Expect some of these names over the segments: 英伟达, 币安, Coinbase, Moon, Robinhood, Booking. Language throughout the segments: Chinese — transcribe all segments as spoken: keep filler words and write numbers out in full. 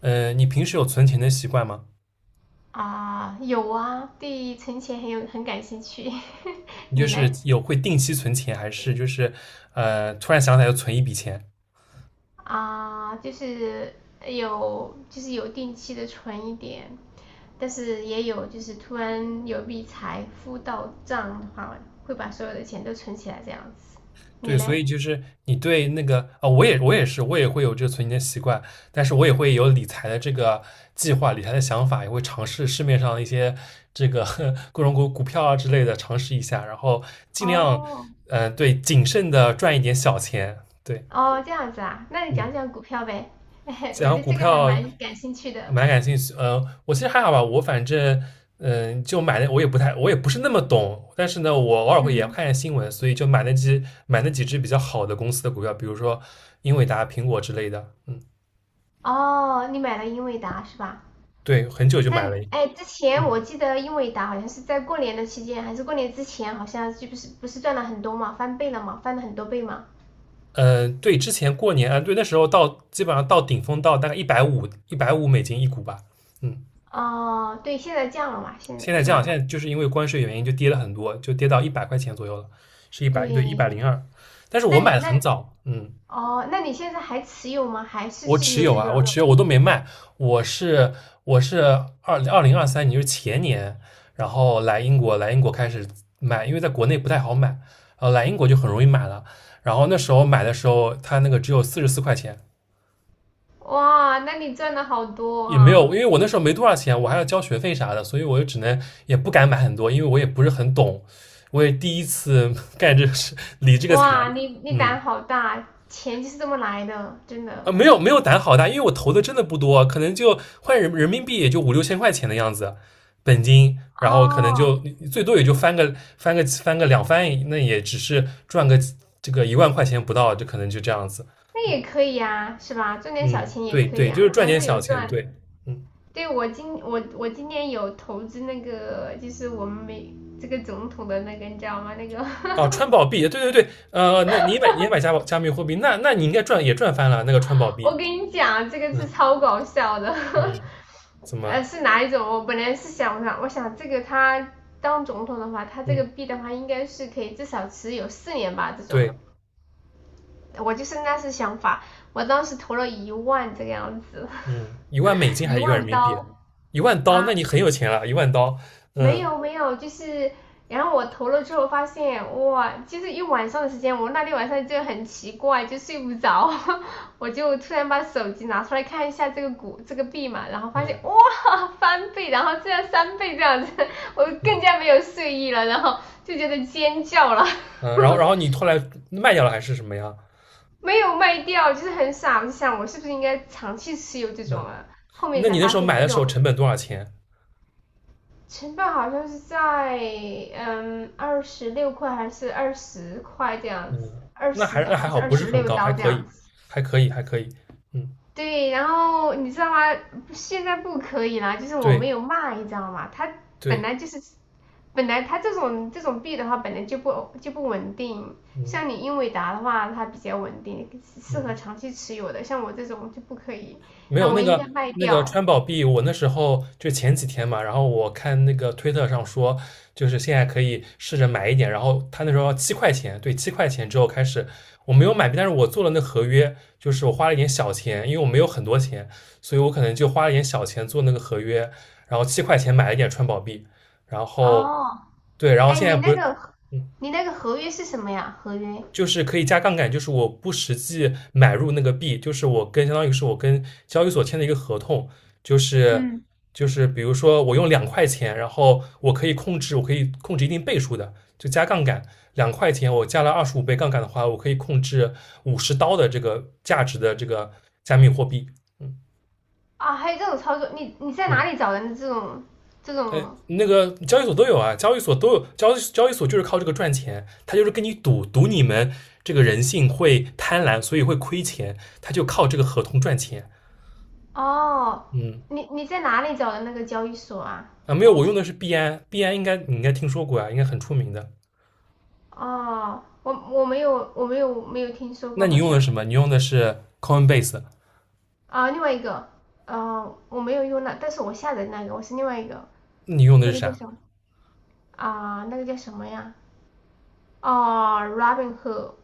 呃，你平时有存钱的习惯吗？啊，有啊，对存钱很有很感兴趣。你就你是嘞？有会定期存钱，还是就是呃突然想起来就存一笔钱？啊，就是有就是有定期的存一点，但是也有就是突然有笔财富到账的话，会把所有的钱都存起来这样子。你对，所嘞？以就是你对那个啊、呃我也我也是，我也会有这个存钱的习惯，但是我也会有理财的这个计划、理财的想法，也会尝试市面上一些这个 各种股股票啊之类的尝试一下，然后尽量哦，呃对谨慎的赚一点小钱。对，哦，这样子啊，那你嗯，讲讲股票呗。我讲对股这个还票，蛮感兴趣的。蛮感兴趣。呃，我其实还好吧，我反正嗯、呃就买的我也不太，我也不是那么懂，但是呢，我偶尔会也嗯。看看新闻，所以就买那几买那几只比较好的公司的股票，比如说英伟达、苹果之类的。嗯，哦，你买了英伟达是吧？对，很久就买那了一。哎，之前嗯我记得英伟达好像是在过年的期间，还是过年之前，好像就不是不是赚了很多嘛，翻倍了嘛，翻了很多倍嘛。呃，对，之前过年啊，对，那时候到基本上到顶峰到大概一百五一百五美金一股吧。嗯，哦，对，现在降了嘛，现在现在是这样，吧？现在就是因为关税原因就跌了很多，就跌到一百块钱左右了，是一百对一百对，零二。一百零二，但是我那买你的那很早，嗯。哦，那你现在还持有吗？还是我持持有有这啊，我个？持有，我都没卖。我是我是二二零二三年，就是前年，然后来英国，来英国开始买，因为在国内不太好买，呃，来英国就很容易买了。然后那时候买的时候，它那个只有四十四块钱，哇，那你赚了好多也没有，啊！因为我那时候没多少钱，我还要交学费啥的，所以我就只能也不敢买很多，因为我也不是很懂，我也第一次 干这个事，理这个财，哇，你你嗯。胆好大，钱就是这么来的，真的。啊，没有没有胆好大，因为我投的真的不多，可能就换人人民币也就五六千块钱的样子，本金，然后可能就哦，最多也就翻个翻个翻个两翻，那也只是赚个这个一万块钱不到，就可能就这样子。那嗯，也可以呀，是吧？赚点小嗯钱也对可以对，就是啊，只赚要点是有小钱，赚。对，嗯。对我今我我今年有投资那个，就是我们美这个总统的那个，你知道吗？那个 哦，川宝币，对对对，呃，那你也买你也买加加密货币，那那你应该赚也赚翻了那个川宝 我币。跟你讲，这个是嗯超搞笑的。嗯，怎 呃，么，是哪一种？我本来是想想，我想这个他当总统的话，他这嗯，个币的话，应该是可以至少持有四年吧，这种。对。我就是那是想法，我当时投了一万这个样子，嗯，一万美 金还一是一万人万民币？刀一万刀，啊。那你很有钱了，一万刀。没嗯有没有，就是然后我投了之后发现，哇，就是一晚上的时间，我那天晚上就很奇怪，就睡不着，我就突然把手机拿出来看一下这个股这个币嘛，然后发现哇嗯翻倍，然后这样三倍这样子，我更嗯加没有睡意了，然后就觉得尖叫了，嗯，然后然后你后来卖掉了还是什么呀？没有卖掉，就是很傻，我就想我是不是应该长期持有这种嗯，啊？后面那才你那发时候现买这的时候种成本多少钱？成本好像是在嗯二十六块还是二十块这样子，嗯，二那十还那还还好，是二不是十很六高，还刀这可以，样子。还可以，还可以。嗯，对，然后你知道吗？现在不可以啦，就是我对没有卖，你知道吗？它本对，来就是，本来它这种这种币的话，本来就不就不稳定。嗯像你英伟达的话，它比较稳定，适合嗯。长期持有的。像我这种就不可以，没那有我那应个该卖那个掉。川宝币，我那时候就前几天嘛，然后我看那个推特上说，就是现在可以试着买一点，然后他那时候要七块钱，对，七块钱之后开始，我没有买币，但是我做了那合约，就是我花了一点小钱，因为我没有很多钱，所以我可能就花了一点小钱做那个合约，然后七块钱买了一点川宝币，然后哦，对，然后哎，现在你不那是。个嗯。你那个合约是什么呀？合约？就是可以加杠杆，就是我不实际买入那个币，就是我跟相当于是我跟交易所签的一个合同，就是嗯，就是比如说我用两块钱，然后我可以控制，我可以控制一定倍数的，就加杠杆，两块钱我加了二十五倍杠杆的话，我可以控制五十刀的这个价值的这个加密货币。嗯啊，还有这种操作，你你在嗯。哪里找的这种这种？那个交易所都有啊，交易所都有交易交易所就是靠这个赚钱，他就是跟你赌赌你们这个人性会贪婪，所以会亏钱，他就靠这个合同赚钱。哦，嗯你你在哪里找的那个交易所啊？啊，没有，哦我用的是币安，币安应该你应该听说过啊，应该很出名的。哦，我我没有我没有没有听说过那你好用的像什么？你用的是 Coinbase。啊，另外一个呃我没有用那，但是我下载那个我是另外一个那你用的那是个叫啥？什么啊？那个叫什么呀？哦，Robinhood,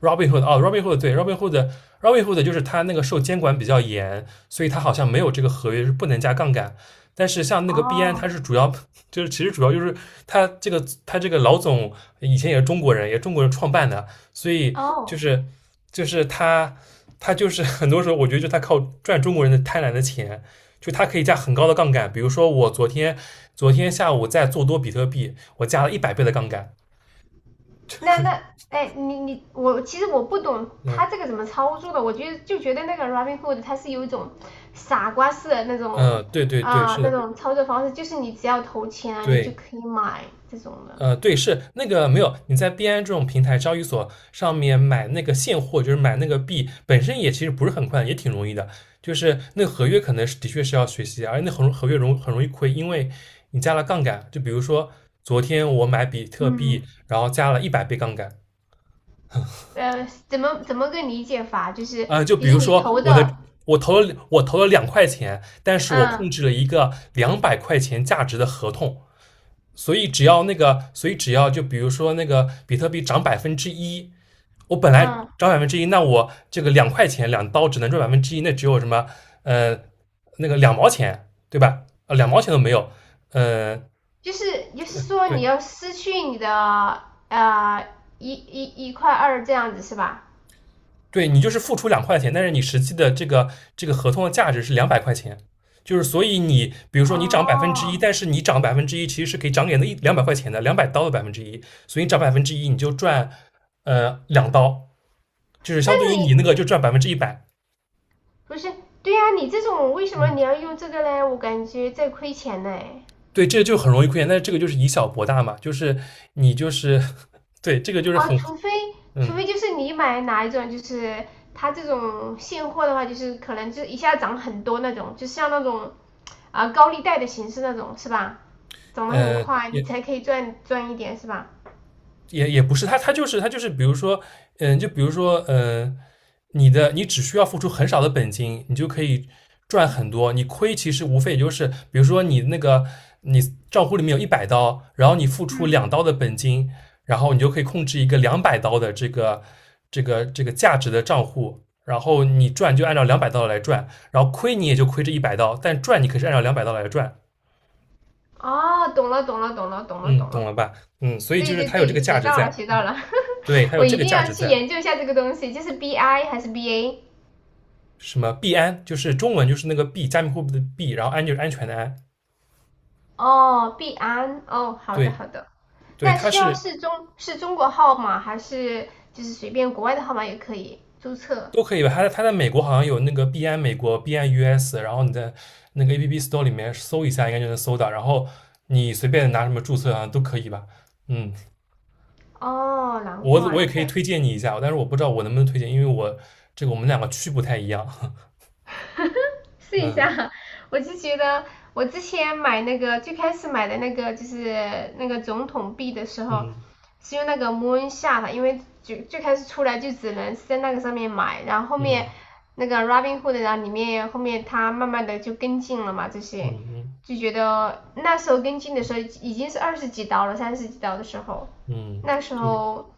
Robinhood 哦，Robinhood 对，Robinhood Robinhood 就是它那个受监管比较严，所以它好像没有这个合约是不能加杠杆。但是像那个币安，它哦是主要就是其实主要就是它这个它这个老总以前也是中国人，也是中国人创办的，所以就哦是就是他他就是 很多时候我觉得就他靠赚中国人的贪婪的钱，就他可以加很高的杠杆。比如说我昨天昨天下午在做多比特币，我加了一百倍的杠杆。那那哎，你你我其实我不懂嗯他这个怎么操作的，我觉得就觉得那个 Robinhood 它是有一种傻瓜式的那嗯，呃种对对对，啊、是那的，种操作方式，就是你只要投钱啊，你就对。可以买这种的。呃，对，是那个没有，你在币安这种平台交易所上面买那个现货，就是买那个币，本身也其实不是很快，也挺容易的。就是那个合约可能是的确是要学习，而且那合合约容很容易亏，因为你加了杠杆。就比如说昨天我买比特嗯，币，然后加了一百倍杠杆。呃，怎么怎么个理解法？就是啊、就比比如如说你说投我的，的我投了我投了两块钱，但是我控嗯制了一个两百块钱价值的合同，所以只要那个，所以只要就比如说那个比特币涨百分之一，我本来嗯，涨百分之一，那我这个两块钱两刀只能赚百分之一，那只有什么呃那个两毛钱对吧？呃，两毛钱都没有，呃，就是就是说你对要失去你的呃一一一块二这样子是吧？对，你就是付出两块钱，但是你实际的这个这个合同的价值是两百块钱，就是所以你比如说你涨百分之一，哦，但是你涨百分之一其实是可以涨给那一两百块钱的，两百刀的百分之一，所以你涨百分之一你就赚呃两刀，就是那相对于你那你个就赚百分之一百，不是，对呀、啊你这种为什么嗯。你要用这个嘞？我感觉在亏钱嘞。对，这就很容易亏钱，但是这个就是以小博大嘛，就是你就是 对这个就是哦，很除非除嗯非就是你买哪一种，就是它这种现货的话，就是可能就一下涨很多那种，就像那种啊、高利贷的形式那种，是吧？涨得很呃快，你也。才可以赚赚一点，是吧？也也不是，他他就是他就是，比如说，嗯，就比如说，嗯，你的你只需要付出很少的本金，你就可以赚很多。你亏其实无非也就是，比如说你那个你账户里面有一百刀，然后你付出嗯，两刀的本金，然后你就可以控制一个两百刀的这个这个这个价值的账户，然后你赚就按照两百刀来赚，然后亏你也就亏这一百刀，但赚你可是按照两百刀来赚。哦，懂了，懂了，懂了，懂了，嗯，懂懂了。了吧？嗯，所以就对是对它有这对，个价学值到了，在，学到了。对，它有我这一个定价要值去在。研究一下这个东西，就是 B I 还是 B A?什么币安，就是中文就是那个币，加密货币的币，然后安就是安全的安。哦，币安，哦，好的对好的。对，那它需要是是中是中国号码还是就是随便国外的号码也可以注册？都可以吧？它在它在美国好像有那个币安美国、币安 U S,然后你在那个 A P P Store 里面搜一下，应该就能搜到。然后你随便拿什么注册好像都可以吧？嗯，哦，难我我怪。也可以推荐你一下，但是我不知道我能不能推荐，因为我这个我们两个区不太一样。试一嗯下，我就觉得我之前买那个最开始买的那个就是那个总统币的时候，嗯是用那个 Moon 下的，因为就最开始出来就只能是在那个上面买，然后后面嗯那个 Robinhood,然后里面后面它慢慢的就跟进了嘛，这些嗯就觉得那时候跟进的时候已经是二十几刀了，三十几刀的时候，嗯嗯，那时对。候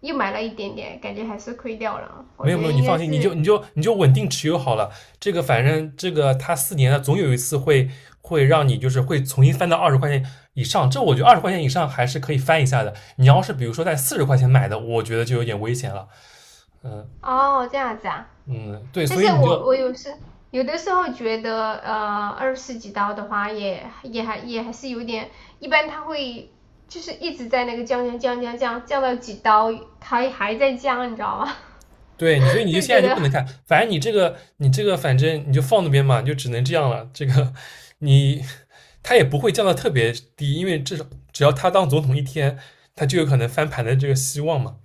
又买了一点点，感觉还是亏掉了，我没有觉没得有，你应放该心，你是就你就你就稳定持有好了。这个反正这个它四年了，总有一次会会让你就是会重新翻到二十块钱以上。这我觉得二十块钱以上还是可以翻一下的。你要是比如说在四十块钱买的，我觉得就有点危险了。哦这样子啊。嗯，对，但所是以你就我我有时有的时候觉得，呃，二十几刀的话也也还也还是有点，一般它会就是一直在那个降降降降降降到几刀，它还在降，你知道吗？对你，所以 你就就现觉在就得不能看。反正你这个你这个反正你就放那边嘛，就只能这样了。这个你它也不会降到特别低，因为至少只要他当总统一天，他就有可能翻盘的这个希望嘛。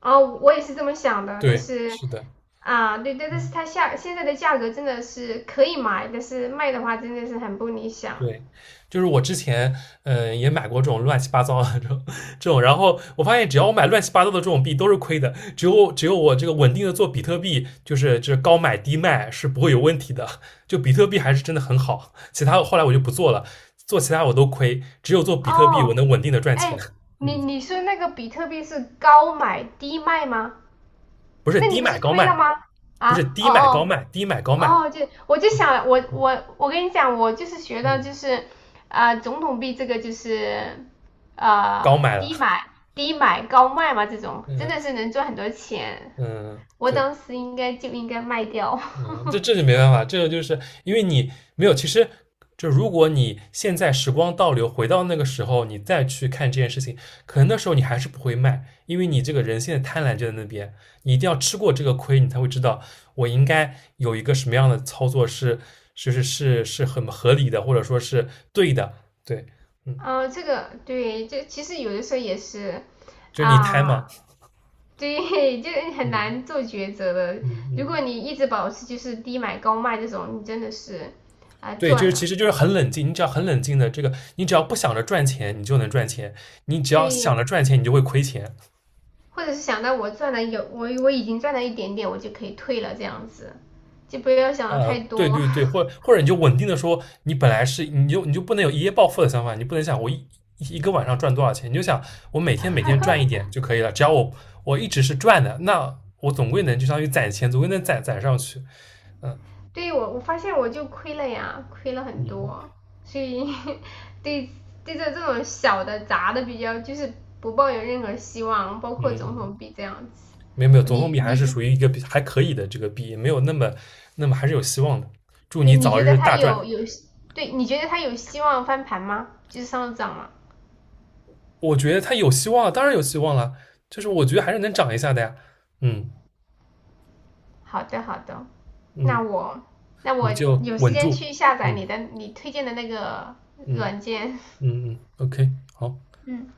啊、我也是这么想的，但对，是是的。啊，对对，但是嗯，它下现在的价格真的是可以买，但是卖的话真的是很不理想。对，就是我之前嗯、呃也买过这种乱七八糟的这种这种，然后我发现只要我买乱七八糟的这种币都是亏的，只有只有我这个稳定的做比特币，就是就是高买低卖是不会有问题的，就比特币还是真的很好，其他后来我就不做了，做其他我都亏，只有做比特币我哦，能稳定的赚钱，哎，你嗯，你说那个比特币是高买低卖吗？不是那你低不是买高亏了卖，吗？不是啊，哦低买高哦卖，低买高卖。哦，就我就嗯想我嗯我我跟你讲，我就是学到嗯，就是啊、呃总统币这个就是高呃买了，低买低买高卖嘛，这种嗯真的是能赚很多钱。嗯，我对。当时应该就应该卖掉。嗯，这这就 没办法，这个就是因为你没有，其实就如果你现在时光倒流，回到那个时候，你再去看这件事情，可能那时候你还是不会卖，因为你这个人性的贪婪就在那边，你一定要吃过这个亏，你才会知道我应该有一个什么样的操作是是是是是很合理的，或者说是对的，对，嗯，嗯、这个对，这其实有的时候也是就是你贪嘛，啊，对，就很难嗯做抉择的。嗯如果嗯。你一直保持就是低买高卖这种，你真的是啊、对，就赚是其了。实就是很冷静，你只要很冷静的这个，你只要不想着赚钱，你就能赚钱；你只要想着对，赚钱，你就会亏钱。或者是想到我赚了有我我已经赚了一点点，我就可以退了这样子，就不要想的呃，太对多。对对，或或者你就稳定的说，你本来是你就你就不能有一夜暴富的想法，你不能想我一一个晚上赚多少钱，你就想我每天每天赚一点就可以了，只要我我一直是赚的，那我总归能就相当于攒钱，总归能攒攒上去。对我我发现我就亏了呀，亏了很嗯多，所以 对对着这种小的砸的比较就是不抱有任何希望，包括嗯，总嗯统币这样子。没有没有，总共比你还是你属于一个比还可以的这个币，没有那么那么还是有希望的。祝你你你早觉得日他大有赚。有对？你觉得他有希望翻盘吗？就是上涨吗？我觉得他有希望，当然有希望了，就是我觉得还是能涨一下的呀。嗯好的，好的，嗯，那我那我你就有时稳间住。去下载嗯你的你推荐的那个嗯软件。嗯嗯，OK,好。嗯，